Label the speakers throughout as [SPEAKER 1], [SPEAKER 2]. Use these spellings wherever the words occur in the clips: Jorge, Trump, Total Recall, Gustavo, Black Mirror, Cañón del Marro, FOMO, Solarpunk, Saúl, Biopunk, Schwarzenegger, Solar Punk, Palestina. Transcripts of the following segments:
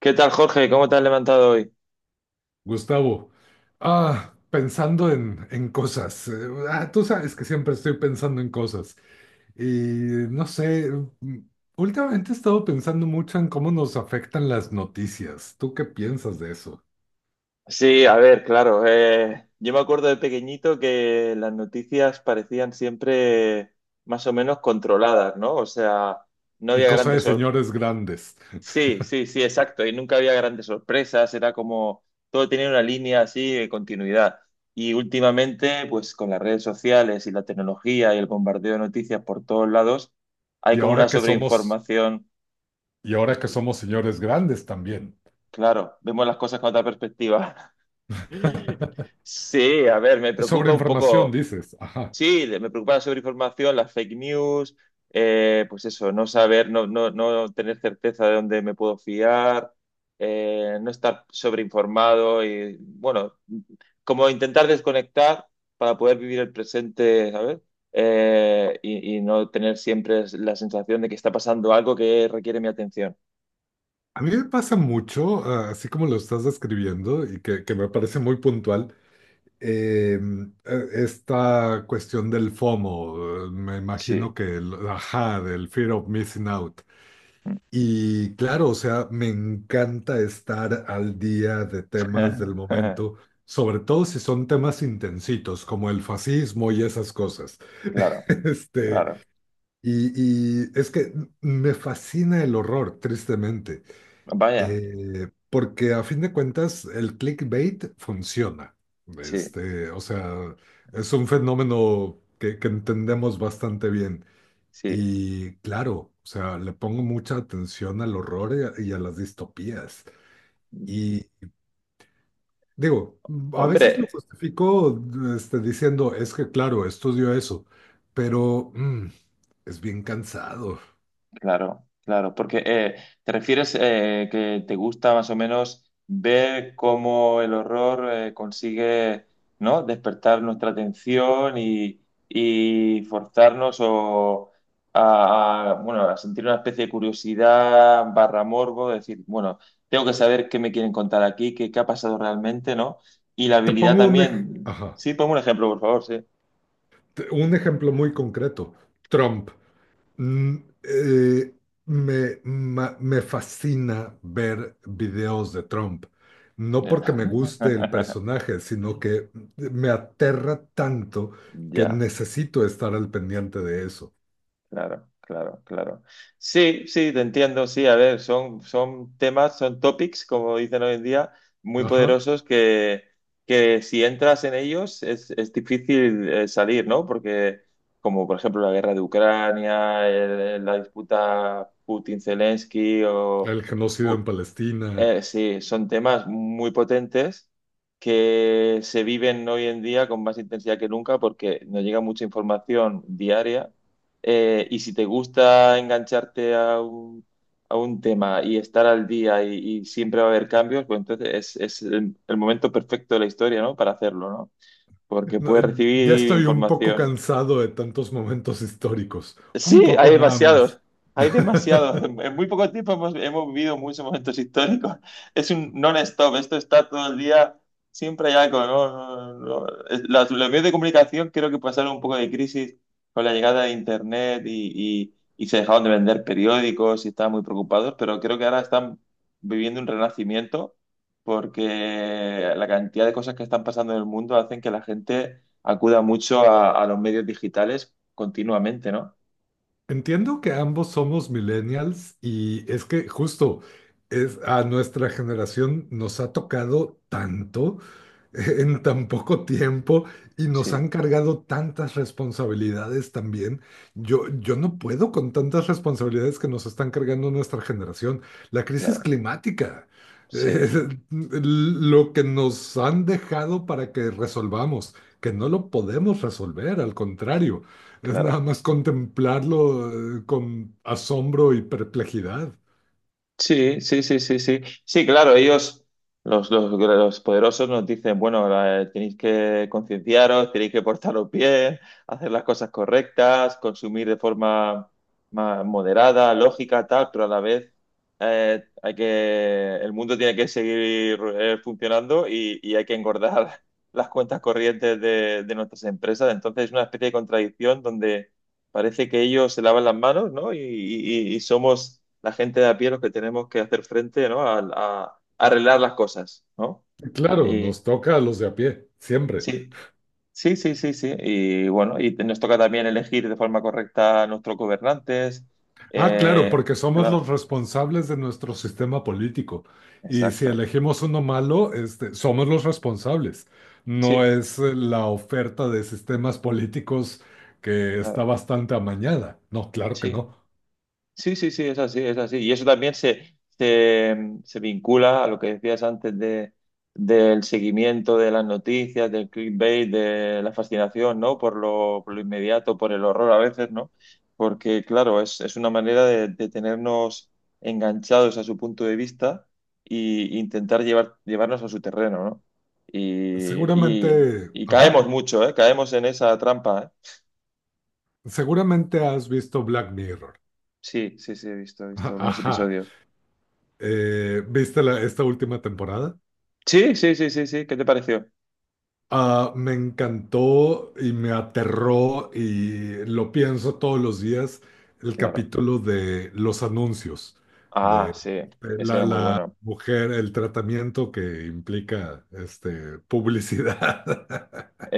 [SPEAKER 1] ¿Qué tal, Jorge? ¿Cómo te has levantado hoy?
[SPEAKER 2] Gustavo, pensando en cosas. Tú sabes que siempre estoy pensando en cosas. Y no sé, mm, últimamente he estado pensando mucho en cómo nos afectan las noticias. ¿Tú qué piensas de eso?
[SPEAKER 1] Sí, a ver, claro. Yo me acuerdo de pequeñito que las noticias parecían siempre más o menos controladas, ¿no? O sea, no
[SPEAKER 2] Y
[SPEAKER 1] había
[SPEAKER 2] cosa de
[SPEAKER 1] grandes sorpresas.
[SPEAKER 2] señores grandes.
[SPEAKER 1] Sí, sí, sí, exacto. Y nunca había grandes sorpresas. Era como todo tenía una línea así de continuidad. Y últimamente, pues con las redes sociales y la tecnología y el bombardeo de noticias por todos lados, hay
[SPEAKER 2] Y
[SPEAKER 1] como una
[SPEAKER 2] ahora que somos,
[SPEAKER 1] sobreinformación.
[SPEAKER 2] y ahora que somos señores grandes también.
[SPEAKER 1] Claro, vemos las cosas con otra perspectiva. Sí, a ver, me
[SPEAKER 2] Sobre
[SPEAKER 1] preocupa un
[SPEAKER 2] información,
[SPEAKER 1] poco,
[SPEAKER 2] dices. Ajá.
[SPEAKER 1] sí, me preocupa la sobreinformación, las fake news, pues eso, no saber, no tener certeza de dónde me puedo fiar, no estar sobreinformado y, bueno, como intentar desconectar para poder vivir el presente, ¿sabes? Y no tener siempre la sensación de que está pasando algo que requiere mi atención.
[SPEAKER 2] A mí me pasa mucho, así como lo estás describiendo y que me parece muy puntual. eh, Esta cuestión del FOMO, me imagino
[SPEAKER 1] Sí,
[SPEAKER 2] que, ajá, del fear of missing out. Y claro, o sea, me encanta estar al día de temas del momento, sobre todo si son temas intensitos, como el fascismo y esas cosas.
[SPEAKER 1] claro,
[SPEAKER 2] Este,
[SPEAKER 1] claro.
[SPEAKER 2] y es que me fascina el horror, tristemente.
[SPEAKER 1] Vaya,
[SPEAKER 2] Porque a fin de cuentas el clickbait funciona.
[SPEAKER 1] sí,
[SPEAKER 2] Este, o sea, es un fenómeno que entendemos bastante bien.
[SPEAKER 1] sí.
[SPEAKER 2] Y claro, o sea, le pongo mucha atención al horror y a las distopías. Y digo, a
[SPEAKER 1] Hombre,
[SPEAKER 2] veces lo justifico este, diciendo, es que claro, estudio eso, pero es bien cansado.
[SPEAKER 1] claro, claro, porque te refieres que te gusta más o menos ver cómo el horror consigue, ¿no? Despertar nuestra atención y forzarnos a, bueno, a sentir una especie de curiosidad barra morbo, de decir, bueno, tengo que saber qué me quieren contar aquí, qué, qué ha pasado realmente, ¿no? Y la
[SPEAKER 2] Te
[SPEAKER 1] habilidad
[SPEAKER 2] pongo
[SPEAKER 1] también.
[SPEAKER 2] ajá,
[SPEAKER 1] Sí, ponme un ejemplo, por favor, sí.
[SPEAKER 2] un ejemplo muy concreto. Trump. Mm, eh, Me, me fascina ver videos de Trump, no
[SPEAKER 1] Ya.
[SPEAKER 2] porque me guste el personaje, sino que me aterra tanto que
[SPEAKER 1] Ya.
[SPEAKER 2] necesito estar al pendiente de eso.
[SPEAKER 1] Claro, claro, claro. Sí, sí, te entiendo, sí, a ver, son, son temas, son topics, como dicen hoy en día, muy
[SPEAKER 2] Ajá,
[SPEAKER 1] poderosos que si entras en ellos es difícil salir, ¿no? Porque como por ejemplo la guerra de Ucrania, la disputa Putin-Zelensky o,
[SPEAKER 2] el genocidio en Palestina.
[SPEAKER 1] sí, son temas muy potentes que se viven hoy en día con más intensidad que nunca porque nos llega mucha información diaria. Y si te gusta engancharte a un tema y estar al día y siempre va a haber cambios, pues entonces es el momento perfecto de la historia, ¿no? Para hacerlo, ¿no? Porque
[SPEAKER 2] No,
[SPEAKER 1] puedes
[SPEAKER 2] ya
[SPEAKER 1] recibir
[SPEAKER 2] estoy un poco
[SPEAKER 1] información.
[SPEAKER 2] cansado de tantos momentos históricos, un
[SPEAKER 1] Sí,
[SPEAKER 2] poco
[SPEAKER 1] hay
[SPEAKER 2] nada
[SPEAKER 1] demasiados,
[SPEAKER 2] más.
[SPEAKER 1] hay demasiados. En muy poco tiempo hemos, hemos vivido muchos momentos históricos. Es un non-stop, esto está todo el día, siempre hay algo, ¿no? No, no, no. Los medios de comunicación creo que pasaron un poco de crisis con la llegada de Internet y, y se dejaron de vender periódicos y estaban muy preocupados, pero creo que ahora están viviendo un renacimiento porque la cantidad de cosas que están pasando en el mundo hacen que la gente acuda mucho a los medios digitales continuamente, ¿no?
[SPEAKER 2] Entiendo que ambos somos millennials y es que justo es, a nuestra generación nos ha tocado tanto. En tan poco tiempo y nos
[SPEAKER 1] Sí,
[SPEAKER 2] han cargado tantas responsabilidades también. Yo no puedo con tantas responsabilidades que nos están cargando nuestra generación. La crisis
[SPEAKER 1] claro,
[SPEAKER 2] climática,
[SPEAKER 1] sí,
[SPEAKER 2] lo que nos han dejado para que resolvamos, que no lo podemos resolver, al contrario, es nada
[SPEAKER 1] claro.
[SPEAKER 2] más contemplarlo, con asombro y perplejidad.
[SPEAKER 1] Sí, sí, sí, sí, sí. Sí, claro, ellos, los poderosos nos dicen, bueno, tenéis que concienciaros, tenéis que portaros bien, hacer las cosas correctas, consumir de forma más moderada, lógica, tal, pero a la vez hay que, el mundo tiene que seguir funcionando y hay que engordar las cuentas corrientes de nuestras empresas. Entonces es una especie de contradicción donde parece que ellos se lavan las manos, ¿no? Y somos la gente de a pie los que tenemos que hacer frente, ¿no? A arreglar las cosas, ¿no?
[SPEAKER 2] Claro,
[SPEAKER 1] Y
[SPEAKER 2] nos toca a los de a pie, siempre.
[SPEAKER 1] sí, sí, sí, sí, sí. Y bueno, y nos toca también elegir de forma correcta a nuestros gobernantes.
[SPEAKER 2] Claro,
[SPEAKER 1] Eh,
[SPEAKER 2] porque somos los
[SPEAKER 1] claro,
[SPEAKER 2] responsables de nuestro sistema político. Y si
[SPEAKER 1] exacto.
[SPEAKER 2] elegimos uno malo, este, somos los responsables. No
[SPEAKER 1] Sí,
[SPEAKER 2] es la oferta de sistemas políticos que está
[SPEAKER 1] claro,
[SPEAKER 2] bastante amañada. No, claro que
[SPEAKER 1] sí.
[SPEAKER 2] no.
[SPEAKER 1] Sí, sí, sí, es así, es así. Y eso también se vincula a lo que decías antes de, del seguimiento de las noticias, del clickbait, de la fascinación, ¿no? Por lo inmediato, por el horror a veces, ¿no? Porque, claro, es una manera de tenernos enganchados a su punto de vista e intentar llevar, llevarnos a su terreno, ¿no? Y, y,
[SPEAKER 2] Seguramente,
[SPEAKER 1] y
[SPEAKER 2] ajá,
[SPEAKER 1] caemos mucho, ¿eh? Caemos en esa trampa, ¿eh?
[SPEAKER 2] seguramente has visto Black Mirror.
[SPEAKER 1] Sí, sí, sí, he visto algunos
[SPEAKER 2] Ajá.
[SPEAKER 1] episodios.
[SPEAKER 2] ¿Viste esta última temporada?
[SPEAKER 1] Sí, sí, sí, sí, sí. ¿Qué te pareció?
[SPEAKER 2] Ah, me encantó y me aterró y lo pienso todos los días, el
[SPEAKER 1] Claro.
[SPEAKER 2] capítulo de los anuncios,
[SPEAKER 1] Ah,
[SPEAKER 2] de
[SPEAKER 1] sí. Ese
[SPEAKER 2] la,
[SPEAKER 1] era muy
[SPEAKER 2] la
[SPEAKER 1] bueno.
[SPEAKER 2] mujer, el tratamiento que implica este, publicidad.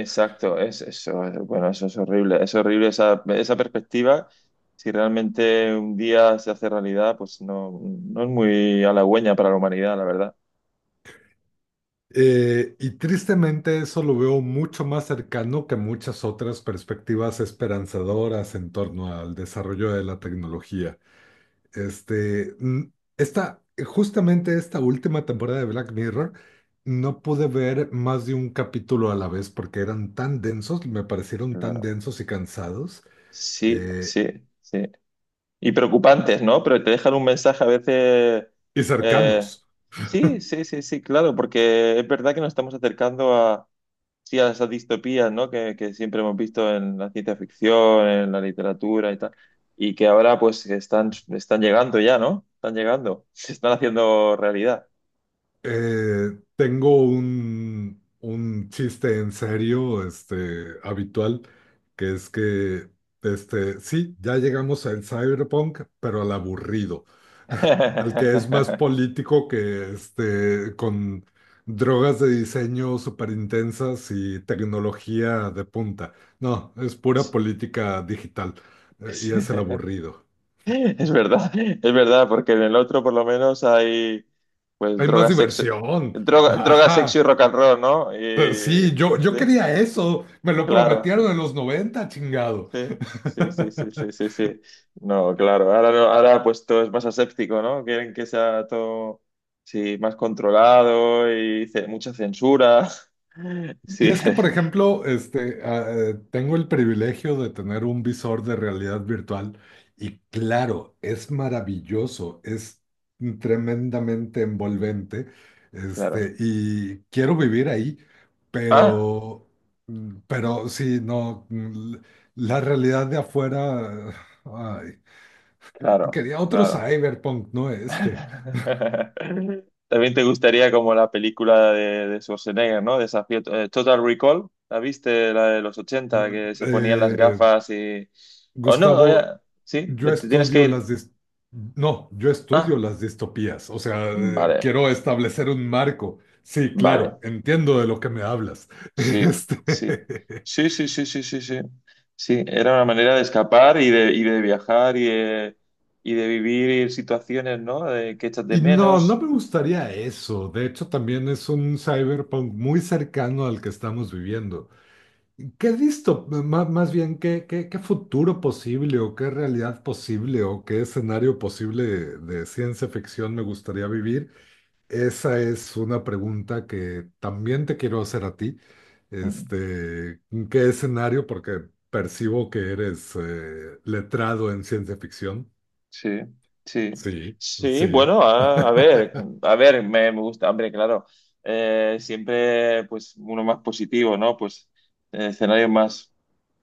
[SPEAKER 1] Bueno, eso es horrible. Es horrible esa, esa perspectiva. Si realmente un día se hace realidad, pues no, no es muy halagüeña para la humanidad, la verdad.
[SPEAKER 2] Y tristemente eso lo veo mucho más cercano que muchas otras perspectivas esperanzadoras en torno al desarrollo de la tecnología. Este, esta, justamente esta última temporada de Black Mirror, no pude ver más de un capítulo a la vez porque eran tan densos, me parecieron tan
[SPEAKER 1] Claro.
[SPEAKER 2] densos y cansados
[SPEAKER 1] Sí,
[SPEAKER 2] eh,
[SPEAKER 1] sí, sí. Y preocupantes, ¿no? Pero te dejan un mensaje a veces.
[SPEAKER 2] y
[SPEAKER 1] eh,
[SPEAKER 2] cercanos.
[SPEAKER 1] sí, sí, sí, sí, claro, porque es verdad que nos estamos acercando sí, a esas distopías, ¿no? Que siempre hemos visto en la ciencia ficción, en la literatura y tal, y que ahora pues están, están llegando ya, ¿no? Están llegando, se están haciendo realidad.
[SPEAKER 2] Tengo un chiste en serio, este, habitual, que es que, este, sí, ya llegamos al cyberpunk, pero al aburrido, al que es más político que, este, con drogas de diseño súper intensas y tecnología de punta. No, es pura política digital, y es el aburrido.
[SPEAKER 1] Es verdad, porque en el otro por lo menos hay pues
[SPEAKER 2] Hay más
[SPEAKER 1] droga, sexo,
[SPEAKER 2] diversión.
[SPEAKER 1] droga, sexo
[SPEAKER 2] Ajá.
[SPEAKER 1] y rock and roll, ¿no? Y,
[SPEAKER 2] Sí, yo
[SPEAKER 1] sí,
[SPEAKER 2] quería eso, me lo
[SPEAKER 1] claro.
[SPEAKER 2] prometieron en los noventa, chingado.
[SPEAKER 1] Sí, sí, sí, sí, sí, sí, sí. No, claro. Ahora, no- ahora pues todo es más aséptico, ¿no? Quieren que sea todo sí, más controlado y mucha censura. Sí,
[SPEAKER 2] Y es que, por ejemplo, tengo el privilegio de tener un visor de realidad virtual y claro, es maravilloso, es tremendamente envolvente,
[SPEAKER 1] claro.
[SPEAKER 2] este, y quiero vivir ahí,
[SPEAKER 1] Ah,
[SPEAKER 2] pero, pero sí, no, la realidad de afuera, ay,
[SPEAKER 1] claro,
[SPEAKER 2] quería otro
[SPEAKER 1] claro.
[SPEAKER 2] cyberpunk, no este.
[SPEAKER 1] También te gustaría como la película de Schwarzenegger, ¿no? Desafío, Total Recall. ¿La viste? La de los 80 que se ponían las
[SPEAKER 2] Eh,
[SPEAKER 1] gafas y... O no,
[SPEAKER 2] Gustavo,
[SPEAKER 1] sí,
[SPEAKER 2] yo
[SPEAKER 1] te tienes que
[SPEAKER 2] estudio
[SPEAKER 1] ir.
[SPEAKER 2] las dis- No, yo estudio
[SPEAKER 1] Ah,
[SPEAKER 2] las distopías, o sea,
[SPEAKER 1] vale.
[SPEAKER 2] quiero establecer un marco. Sí, claro,
[SPEAKER 1] Vale.
[SPEAKER 2] entiendo de lo que me hablas.
[SPEAKER 1] Sí, sí,
[SPEAKER 2] Este,
[SPEAKER 1] sí, sí, sí, sí, sí, sí. Sí, era una manera de escapar y de viajar y de vivir situaciones, ¿no? De que echas de
[SPEAKER 2] y no, no
[SPEAKER 1] menos.
[SPEAKER 2] me gustaría eso. De hecho, también es un cyberpunk muy cercano al que estamos viviendo. Más bien, ¿qué futuro posible o qué realidad posible o qué escenario posible de ciencia ficción me gustaría vivir? Esa es una pregunta que también te quiero hacer a ti.
[SPEAKER 1] Mm.
[SPEAKER 2] Este, ¿qué escenario? Porque percibo que eres letrado en ciencia ficción.
[SPEAKER 1] Sí, sí,
[SPEAKER 2] Sí,
[SPEAKER 1] sí,
[SPEAKER 2] sí.
[SPEAKER 1] bueno, a ver, me gusta, hombre, claro, siempre, pues, uno más positivo, ¿no? Pues, escenarios más,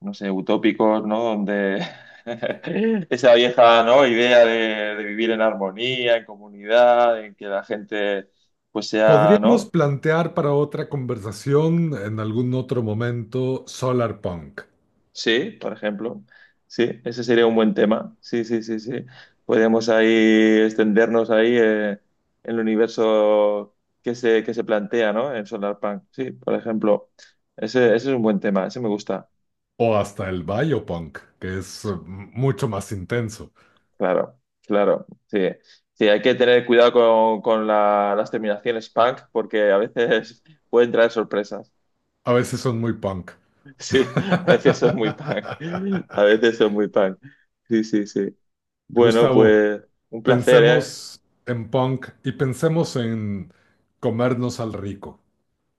[SPEAKER 1] no sé, utópicos, ¿no? Donde esa vieja, ¿no? Idea de vivir en armonía, en comunidad, en que la gente, pues, sea,
[SPEAKER 2] Podríamos
[SPEAKER 1] ¿no?
[SPEAKER 2] plantear para otra conversación en algún otro momento Solar Punk
[SPEAKER 1] Sí, por ejemplo. Sí, ese sería un buen tema. Sí, sí, sí, sí. Podemos ahí extendernos ahí en el universo que se plantea, ¿no? En Solarpunk. Sí, por ejemplo. Ese es un buen tema. Ese me gusta.
[SPEAKER 2] o hasta el Biopunk, que es mucho más intenso.
[SPEAKER 1] Claro, claro. Sí, sí, hay que tener cuidado con las terminaciones punk porque a veces pueden traer sorpresas.
[SPEAKER 2] A veces son muy punk.
[SPEAKER 1] Sí, a veces son muy punk. A veces son muy punk. Sí, sí, sí. Bueno,
[SPEAKER 2] Gustavo.
[SPEAKER 1] pues un placer, ¿eh?
[SPEAKER 2] Pensemos en punk y pensemos en comernos al rico.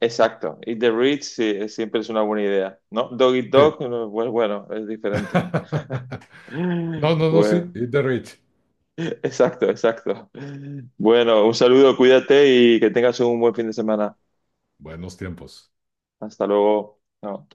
[SPEAKER 1] Exacto. Eat the Rich sí, siempre es una buena idea, ¿no? Dog Eat
[SPEAKER 2] Sí.
[SPEAKER 1] Dog, no, pues bueno, es diferente.
[SPEAKER 2] No, no, no, sí.
[SPEAKER 1] Bueno,
[SPEAKER 2] Eat the rich.
[SPEAKER 1] exacto, exacto. Bueno, un saludo, cuídate y que tengas un buen fin de semana.
[SPEAKER 2] Buenos tiempos.
[SPEAKER 1] Hasta luego. Chao.